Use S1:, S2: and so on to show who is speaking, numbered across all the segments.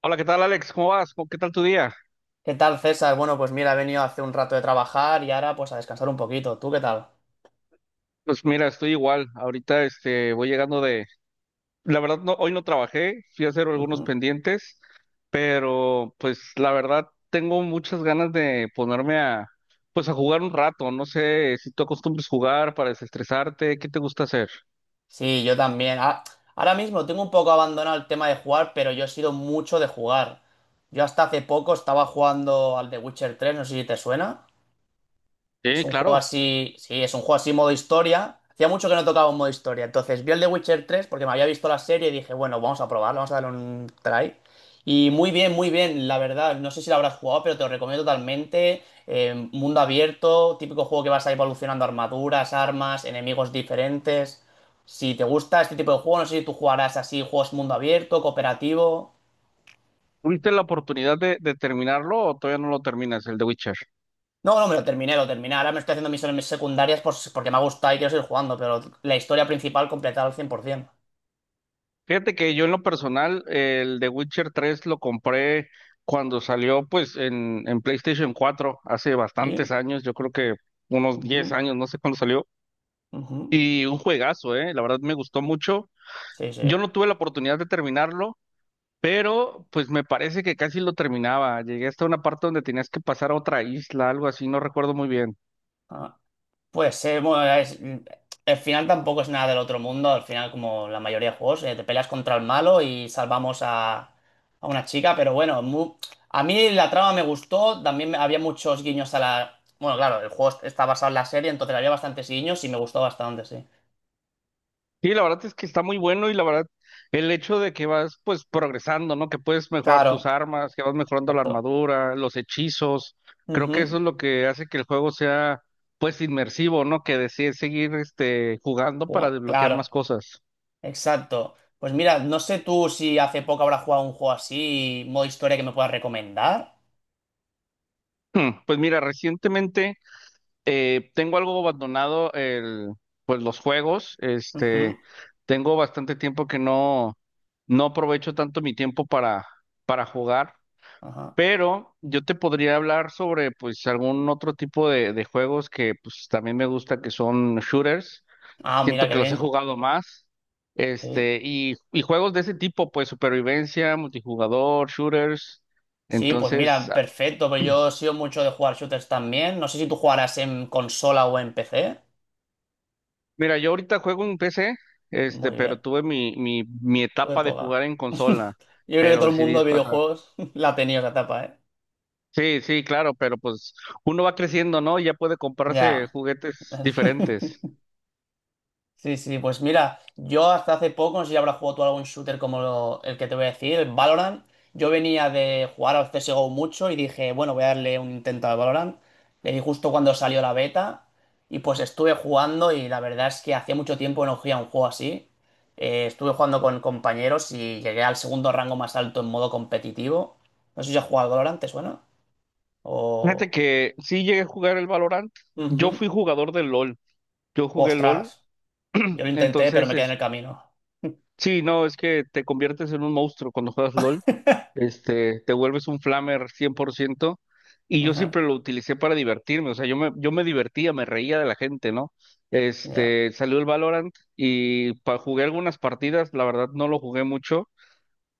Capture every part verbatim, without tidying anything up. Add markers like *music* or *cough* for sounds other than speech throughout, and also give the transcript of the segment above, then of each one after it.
S1: Hola, ¿qué tal, Alex? ¿Cómo vas? ¿Cómo- ¿Qué tal tu día?
S2: ¿Qué tal, César? Bueno, pues mira, he venido hace un rato de trabajar y ahora pues a descansar un poquito. ¿Tú qué tal?
S1: Pues mira, estoy igual. Ahorita este voy llegando de, la verdad no, hoy no trabajé, fui a hacer algunos
S2: Ujú.
S1: pendientes, pero pues la verdad tengo muchas ganas de ponerme a pues a jugar un rato. No sé si tú acostumbres jugar para desestresarte, ¿qué te gusta hacer?
S2: Sí, yo también. Ah, ahora mismo tengo un poco abandonado el tema de jugar, pero yo he sido mucho de jugar. Yo hasta hace poco estaba jugando al The Witcher tres, no sé si te suena. Es
S1: Sí,
S2: un juego
S1: claro.
S2: así, sí, es un juego así modo historia. Hacía mucho que no tocaba un modo historia. Entonces vi el de Witcher tres porque me había visto la serie y dije, bueno, vamos a probarlo, vamos a darle un try. Y muy bien, muy bien, la verdad. No sé si lo habrás jugado, pero te lo recomiendo totalmente. Eh, mundo abierto, típico juego que vas a ir evolucionando armaduras, armas, enemigos diferentes. Si te gusta este tipo de juego, no sé si tú jugarás así, juegos mundo abierto, cooperativo.
S1: ¿Tuviste la oportunidad de, de terminarlo o todavía no lo terminas, el de Witcher?
S2: No, no, me lo terminé, lo terminé. Ahora me estoy haciendo misiones secundarias por- si, porque me ha gustado y quiero seguir jugando, pero la historia principal completada al cien por ciento.
S1: Fíjate que yo en lo personal, el de Witcher tres lo compré cuando salió pues en, en PlayStation cuatro, hace bastantes
S2: Sí,
S1: años, yo creo que unos diez
S2: ujú,
S1: años, no sé cuándo salió.
S2: ujú.
S1: Y un juegazo, ¿eh? La verdad me gustó mucho.
S2: Sí, sí.
S1: Yo no tuve la oportunidad de terminarlo, pero pues me parece que casi lo terminaba. Llegué hasta una parte donde tenías que pasar a otra isla, algo así, no recuerdo muy bien.
S2: Ah, pues eh, bueno, es- el final tampoco es nada del otro mundo. Al final, como la mayoría de juegos, eh, te peleas contra el malo y salvamos a, a una chica, pero bueno, mu- a mí la trama me gustó. También me- había muchos guiños a la. Bueno, claro, el juego está basado en la serie, entonces había bastantes guiños y me gustó bastante, sí.
S1: Sí, la verdad es que está muy bueno y la verdad el hecho de que vas pues progresando, ¿no? Que puedes mejorar tus
S2: Claro.
S1: armas, que vas mejorando la
S2: Exacto.
S1: armadura, los hechizos, creo que eso
S2: Ujú.
S1: es lo que hace que el juego sea pues inmersivo, ¿no? Que decides seguir este jugando para
S2: Ju-
S1: desbloquear
S2: Claro,
S1: más cosas.
S2: exacto. Pues mira, no sé tú si hace poco habrás jugado un juego así, modo historia que me puedas recomendar.
S1: Hmm, Pues mira, recientemente eh, tengo algo abandonado el pues los juegos, este
S2: Ujú,
S1: tengo bastante tiempo que no no aprovecho tanto mi tiempo para para jugar.
S2: ajá.
S1: Pero yo te podría hablar sobre pues algún otro tipo de, de juegos que pues también me gusta que son shooters.
S2: Ah,
S1: Siento
S2: mira, qué
S1: que los he
S2: bien.
S1: jugado más.
S2: Sí.
S1: Este, y, y juegos de ese tipo, pues supervivencia, multijugador, shooters.
S2: Sí, pues
S1: Entonces,
S2: mira,
S1: ah,
S2: perfecto. Pues yo he sido mucho de jugar shooters también. No sé si tú jugarás en consola o en P C.
S1: mira, yo ahorita juego en P C, este,
S2: Muy
S1: pero
S2: bien,
S1: tuve mi, mi, mi
S2: tu
S1: etapa de jugar
S2: época.
S1: en consola,
S2: *laughs* Yo creo que
S1: pero
S2: todo el
S1: decidí
S2: mundo de
S1: pasar.
S2: videojuegos *laughs* la ha tenido esa etapa, ¿eh?
S1: Sí, sí, claro, pero pues uno va creciendo, ¿no? Y ya puede comprarse
S2: Ya.
S1: juguetes diferentes.
S2: *laughs* Sí, sí, pues mira, yo hasta hace poco, no sé si habrás jugado tú algún shooter como lo- el que te voy a decir, el Valorant. Yo venía de jugar al C S G O mucho y dije, bueno, voy a darle un intento al Valorant. Le di justo cuando salió la beta y pues estuve jugando y la verdad es que hacía mucho tiempo que no jugaba un juego así. Eh, estuve jugando con compañeros y llegué al segundo rango más alto en modo competitivo. No sé si has jugado al Valorant, ¿te suena?
S1: Fíjate
S2: O.
S1: que sí llegué a jugar el Valorant. Yo fui
S2: Ujú.
S1: jugador del LOL. Yo jugué LOL.
S2: Ostras, yo lo intenté, pero
S1: Entonces,
S2: me quedé en
S1: es-
S2: el camino. *laughs*
S1: sí, no, es que te conviertes en un monstruo cuando juegas LOL. Este, te vuelves un flamer cien por ciento. Y yo
S2: Ajá,
S1: siempre lo utilicé para divertirme. O sea, yo me, yo me divertía, me reía de la gente, ¿no?
S2: ya.
S1: Este, salió el Valorant y pa- jugué algunas partidas. La verdad, no lo jugué mucho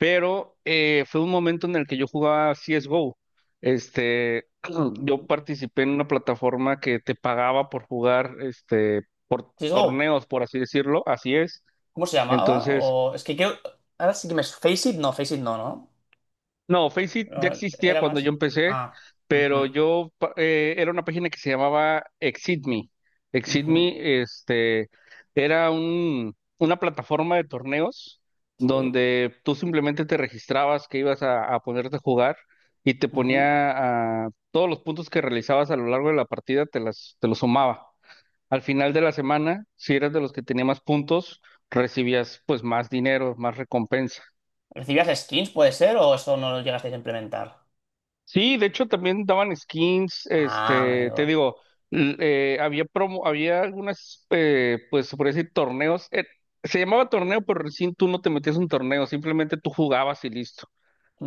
S1: pero eh, fue un momento en el que yo jugaba C S G O. Este, *clears throat* yo
S2: Ujú.
S1: participé en una plataforma que te pagaba por jugar, este, por
S2: Si digo,
S1: torneos, por así decirlo, así es.
S2: ¿cómo se llamaba?
S1: Entonces,
S2: O es que creo. Ahora sí que me. Face It, no, Face It no, ¿no?
S1: no, Faceit ya
S2: No,
S1: existía
S2: era
S1: cuando yo
S2: más.
S1: empecé,
S2: Ah,
S1: pero
S2: ujú,
S1: yo pa- eh, era una página que se llamaba ExitMe.
S2: ujú,
S1: ExitMe, este, era un, una plataforma de torneos
S2: sí.
S1: donde tú simplemente te registrabas que ibas a, a ponerte a jugar y te
S2: Ujú.
S1: ponía ah, todos los puntos que realizabas a lo largo de la partida, te las, te los sumaba. Al final de la semana, si eras de los que tenía más puntos, recibías pues más dinero, más recompensa.
S2: ¿Recibías skins, puede ser? ¿O eso no lo llegasteis a implementar?
S1: Sí, de hecho también daban skins,
S2: Ah,
S1: este, te
S2: amigo.
S1: digo, l- eh, había promo, había algunas, eh, pues se podría decir torneos, eh, se llamaba torneo, pero recién tú no te metías en un torneo, simplemente tú jugabas y listo.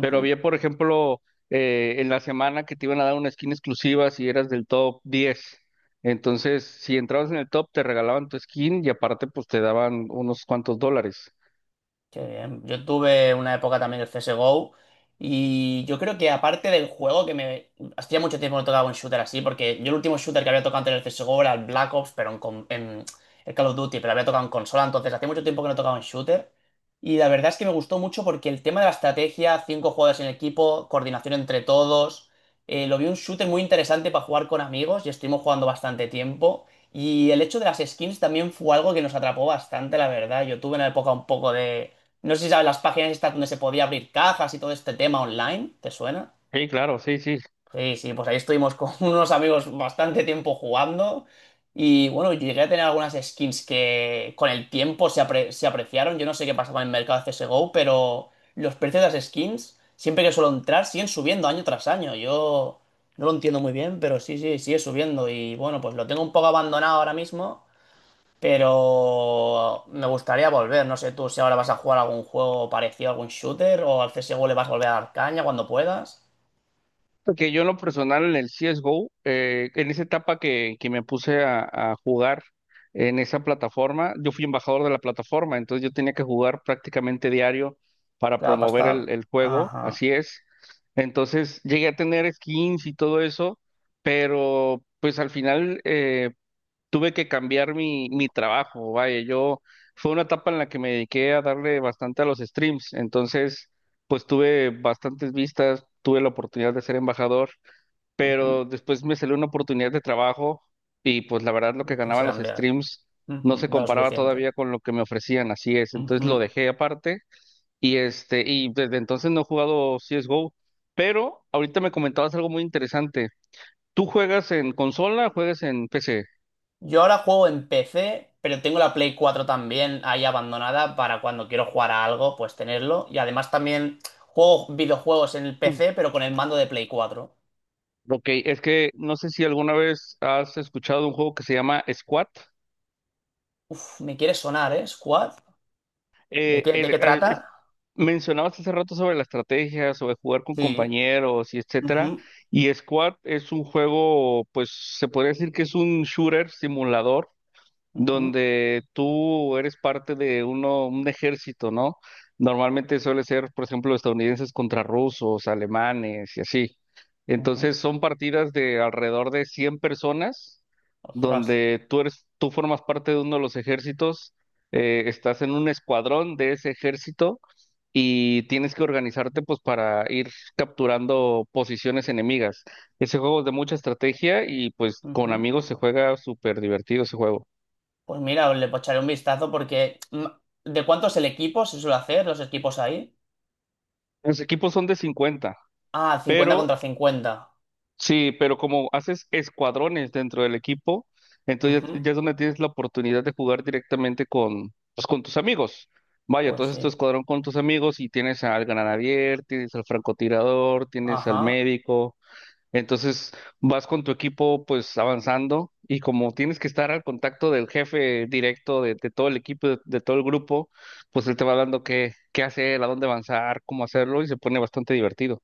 S1: Pero había, por ejemplo, eh, en la semana que te iban a dar una skin exclusiva si eras del top diez. Entonces, si entrabas en el top, te regalaban tu skin y aparte, pues te daban unos cuantos dólares.
S2: Qué bien. Yo tuve una época también del C S G O y yo creo que aparte del juego que me. Hacía mucho tiempo que no tocaba un shooter así porque yo el último shooter que había tocado antes del C S G O era el Black Ops, pero en, con- en el Call of Duty, pero había tocado en consola, entonces hacía mucho tiempo que no tocaba un shooter. Y la verdad es que me gustó mucho porque el tema de la estrategia, cinco jugadores en equipo, coordinación entre todos, eh, lo vi un shooter muy interesante para jugar con amigos y estuvimos jugando bastante tiempo. Y el hecho de las skins también fue algo que nos atrapó bastante, la verdad. Yo tuve una época un poco de no sé si sabes las páginas estas donde se podía abrir cajas y todo este tema online, ¿te suena?
S1: Sí, claro, sí, sí.
S2: Sí, sí, pues ahí estuvimos con *laughs* unos amigos bastante tiempo jugando y bueno, llegué a tener algunas skins que con el tiempo se, apre- se apreciaron. Yo no sé qué pasa con el mercado C S G O, pero los precios de las skins, siempre que suelo entrar, siguen subiendo año tras año. Yo no lo entiendo muy bien, pero sí, sí, sigue subiendo y bueno, pues lo tengo un poco abandonado ahora mismo. Pero me gustaría volver, no sé tú si ahora vas a jugar algún juego parecido, algún shooter, o al C S G O le vas a volver a dar caña cuando puedas.
S1: Porque yo en lo personal en el C S G O, eh, en esa etapa que, que me puse a, a jugar en esa plataforma, yo fui embajador de la plataforma, entonces yo tenía que jugar prácticamente diario para
S2: Claro, para
S1: promover
S2: estar.
S1: el, el juego,
S2: Ajá.
S1: así es. Entonces llegué a tener skins y todo eso, pero pues al final, eh, tuve que cambiar mi, mi trabajo, vaya, yo fue una etapa en la que me dediqué a darle bastante a los streams, entonces pues tuve bastantes vistas, tuve la oportunidad de ser embajador,
S2: Ujú.
S1: pero después me salió una oportunidad de trabajo y pues la verdad lo que
S2: Y tú se
S1: ganaban los
S2: cambiar.
S1: streams
S2: Ujú.
S1: no se
S2: No es lo
S1: comparaba
S2: suficiente.
S1: todavía con lo que me ofrecían, así es, entonces
S2: Ujú.
S1: lo dejé aparte y este y desde entonces no he jugado C S:G O, pero ahorita me comentabas algo muy interesante. ¿Tú juegas en consola o juegas en P C?
S2: Yo ahora juego en P C, pero tengo la Play cuatro también ahí abandonada para cuando quiero jugar a algo, pues tenerlo. Y además también juego videojuegos en el P C, pero con el mando de Play cuatro.
S1: Ok, es que no sé si alguna vez has escuchado un juego que se llama Squad.
S2: Uf, me quiere sonar, ¿eh? Squad. ¿De
S1: Eh,
S2: qué, de
S1: el-
S2: qué
S1: el-
S2: trata?
S1: es- mencionabas hace rato sobre la estrategia, sobre jugar con
S2: Sí.
S1: compañeros y etcétera.
S2: Ujú,
S1: Y Squad es un juego, pues se podría decir que es un shooter simulador
S2: ujú.
S1: donde tú eres parte de uno, un ejército, ¿no? Normalmente suele ser, por ejemplo, estadounidenses contra rusos, alemanes y así.
S2: Ujú.
S1: Entonces son partidas de alrededor de cien personas,
S2: Ostras.
S1: donde tú eres, tú formas parte de uno de los ejércitos, eh, estás en un escuadrón de ese ejército y tienes que organizarte pues para ir capturando posiciones enemigas. Ese juego es de mucha estrategia y pues con
S2: Ujú.
S1: amigos se juega súper divertido ese juego.
S2: Pues mira, le echaré un vistazo porque mm, ¿de cuánto es el equipo? ¿Se suele hacer los equipos ahí?
S1: Los equipos son de cincuenta,
S2: Ah, cincuenta
S1: pero
S2: contra cincuenta
S1: sí, pero como haces escuadrones dentro del equipo, entonces ya, ya
S2: Ujú.
S1: es donde tienes la oportunidad de jugar directamente con, pues, con tus amigos. Vaya, tú
S2: Pues
S1: haces tu
S2: sí.
S1: escuadrón con tus amigos y tienes al granadier, tienes al francotirador, tienes al
S2: Ajá.
S1: médico. Entonces vas con tu equipo pues avanzando y como tienes que estar al contacto del jefe directo de, de todo el equipo, de, de todo el grupo, pues él te va dando qué, qué hacer, a dónde avanzar, cómo hacerlo y se pone bastante divertido.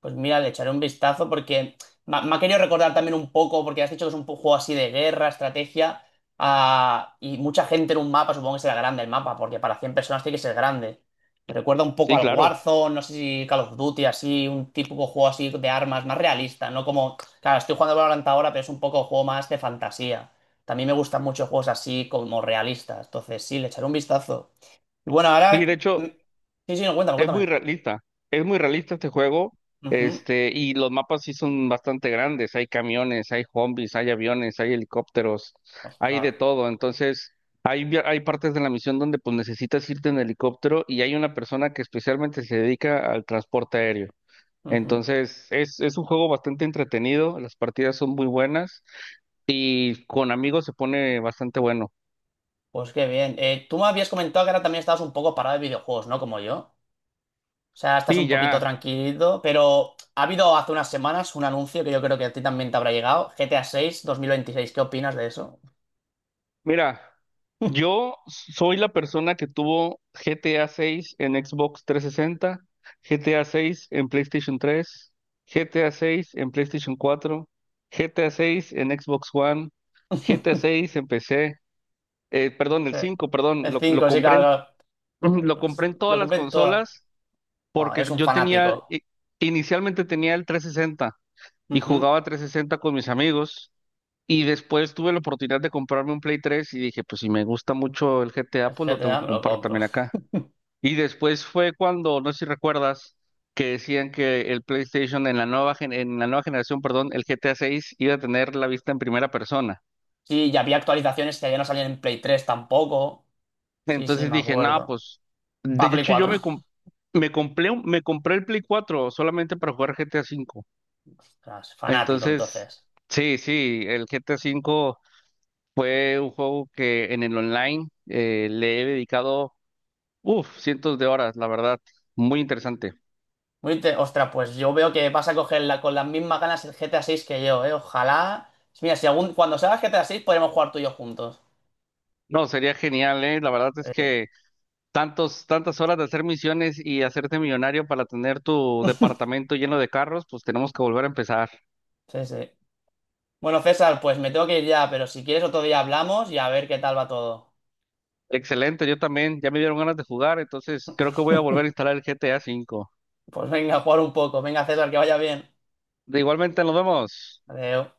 S2: Pues mira, le echaré un vistazo porque me, me ha querido recordar también un poco, porque has dicho que es un pu- juego así de guerra, estrategia, ah, y mucha gente en un mapa, supongo que será grande el mapa, porque para cien personas tiene que ser grande. Me recuerda un poco
S1: Sí,
S2: al
S1: claro.
S2: Warzone, no sé si Call of Duty, así, un típico juego así de armas, más realista, ¿no? Como, claro, estoy jugando Valorant ahora, pero es un poco juego más de fantasía. También me gustan mucho juegos así como realistas, entonces sí, le echaré un vistazo. Y bueno,
S1: Y
S2: ahora.
S1: de
S2: mm,
S1: hecho,
S2: Sí, sí, no, cuéntame,
S1: es muy
S2: cuéntame.
S1: realista. Es muy realista este juego.
S2: Ujú.
S1: Este, y los mapas sí son bastante grandes. Hay camiones, hay zombies, hay aviones, hay helicópteros, hay de
S2: Ostras.
S1: todo. Entonces, hay, via- hay partes de la misión donde pues necesitas irte en helicóptero y hay una persona que especialmente se dedica al transporte aéreo.
S2: Ujú.
S1: Entonces, es, es un juego bastante entretenido. Las partidas son muy buenas y con amigos se pone bastante bueno.
S2: Pues qué bien. Eh, tú me habías comentado que ahora también estabas un poco parado de videojuegos, ¿no? Como yo. O sea, estás
S1: Sí,
S2: un poquito
S1: ya.
S2: tranquilo, pero ha habido hace unas semanas un anuncio que yo creo que a ti también te habrá llegado, G T A mil veintiséis. ¿Qué opinas de eso?
S1: Mira, yo soy la persona que tuvo G T A seis en Xbox trescientos sesenta, G T A seis en PlayStation tres, G T A seis en PlayStation cuatro, GTA seis en Xbox One, G T A
S2: *laughs*
S1: seis en P C, eh, perdón, el
S2: Eh,
S1: cinco, perdón,
S2: El
S1: lo, lo
S2: cinco sí,
S1: compré en,
S2: claro.
S1: *clears throat*
S2: Claro.
S1: lo compré en todas
S2: Lo
S1: las
S2: compré en.
S1: consolas
S2: Bueno,
S1: porque
S2: eres un
S1: yo tenía,
S2: fanático.
S1: i- inicialmente tenía el trescientos sesenta y
S2: Ujú.
S1: jugaba trescientos sesenta con mis amigos. Y después tuve la oportunidad de comprarme un Play tres y dije, pues si me gusta mucho el G T A,
S2: El
S1: pues lo tengo
S2: G T A
S1: que
S2: me lo
S1: comprar
S2: compro.
S1: también acá. Y después fue cuando, no sé si recuerdas, que decían que el PlayStation en la nueva gen- en la nueva generación, perdón, el G T A seis iba a tener la vista en primera persona.
S2: Sí, ya había actualizaciones que ya no salían en Play tres tampoco. Sí, sí,
S1: Entonces
S2: me
S1: dije, no,
S2: acuerdo.
S1: pues de
S2: Para Play
S1: hecho yo
S2: cuatro.
S1: me com-
S2: *laughs*
S1: me compré un- me compré el Play cuatro solamente para jugar G T A cinco.
S2: Ostras, fanático,
S1: Entonces,
S2: entonces.
S1: sí, sí, el G T A cinco fue un juego que en el online eh, le he dedicado, uf, cientos de horas, la verdad. Muy interesante.
S2: Muy inte- Ostras, pues yo veo que vas a coger la- con las mismas ganas el G T A seis que yo, ¿eh? Ojalá. Mira, si algún, cuando salga G T A seis podremos jugar tú y yo juntos.
S1: No, sería genial, ¿eh? La verdad es
S2: Eh,
S1: que tantos, tantas horas de hacer misiones y hacerte millonario para tener tu departamento lleno de carros, pues tenemos que volver a empezar.
S2: sí, sí. Bueno, César, pues me tengo que ir ya, pero si quieres otro día hablamos y a ver qué tal va todo.
S1: Excelente, yo también. Ya me dieron ganas de jugar, entonces creo que voy a volver a instalar el G T A cinco.
S2: Pues venga, a jugar un poco. Venga, César, que vaya bien.
S1: De igualmente, nos vemos.
S2: Adiós.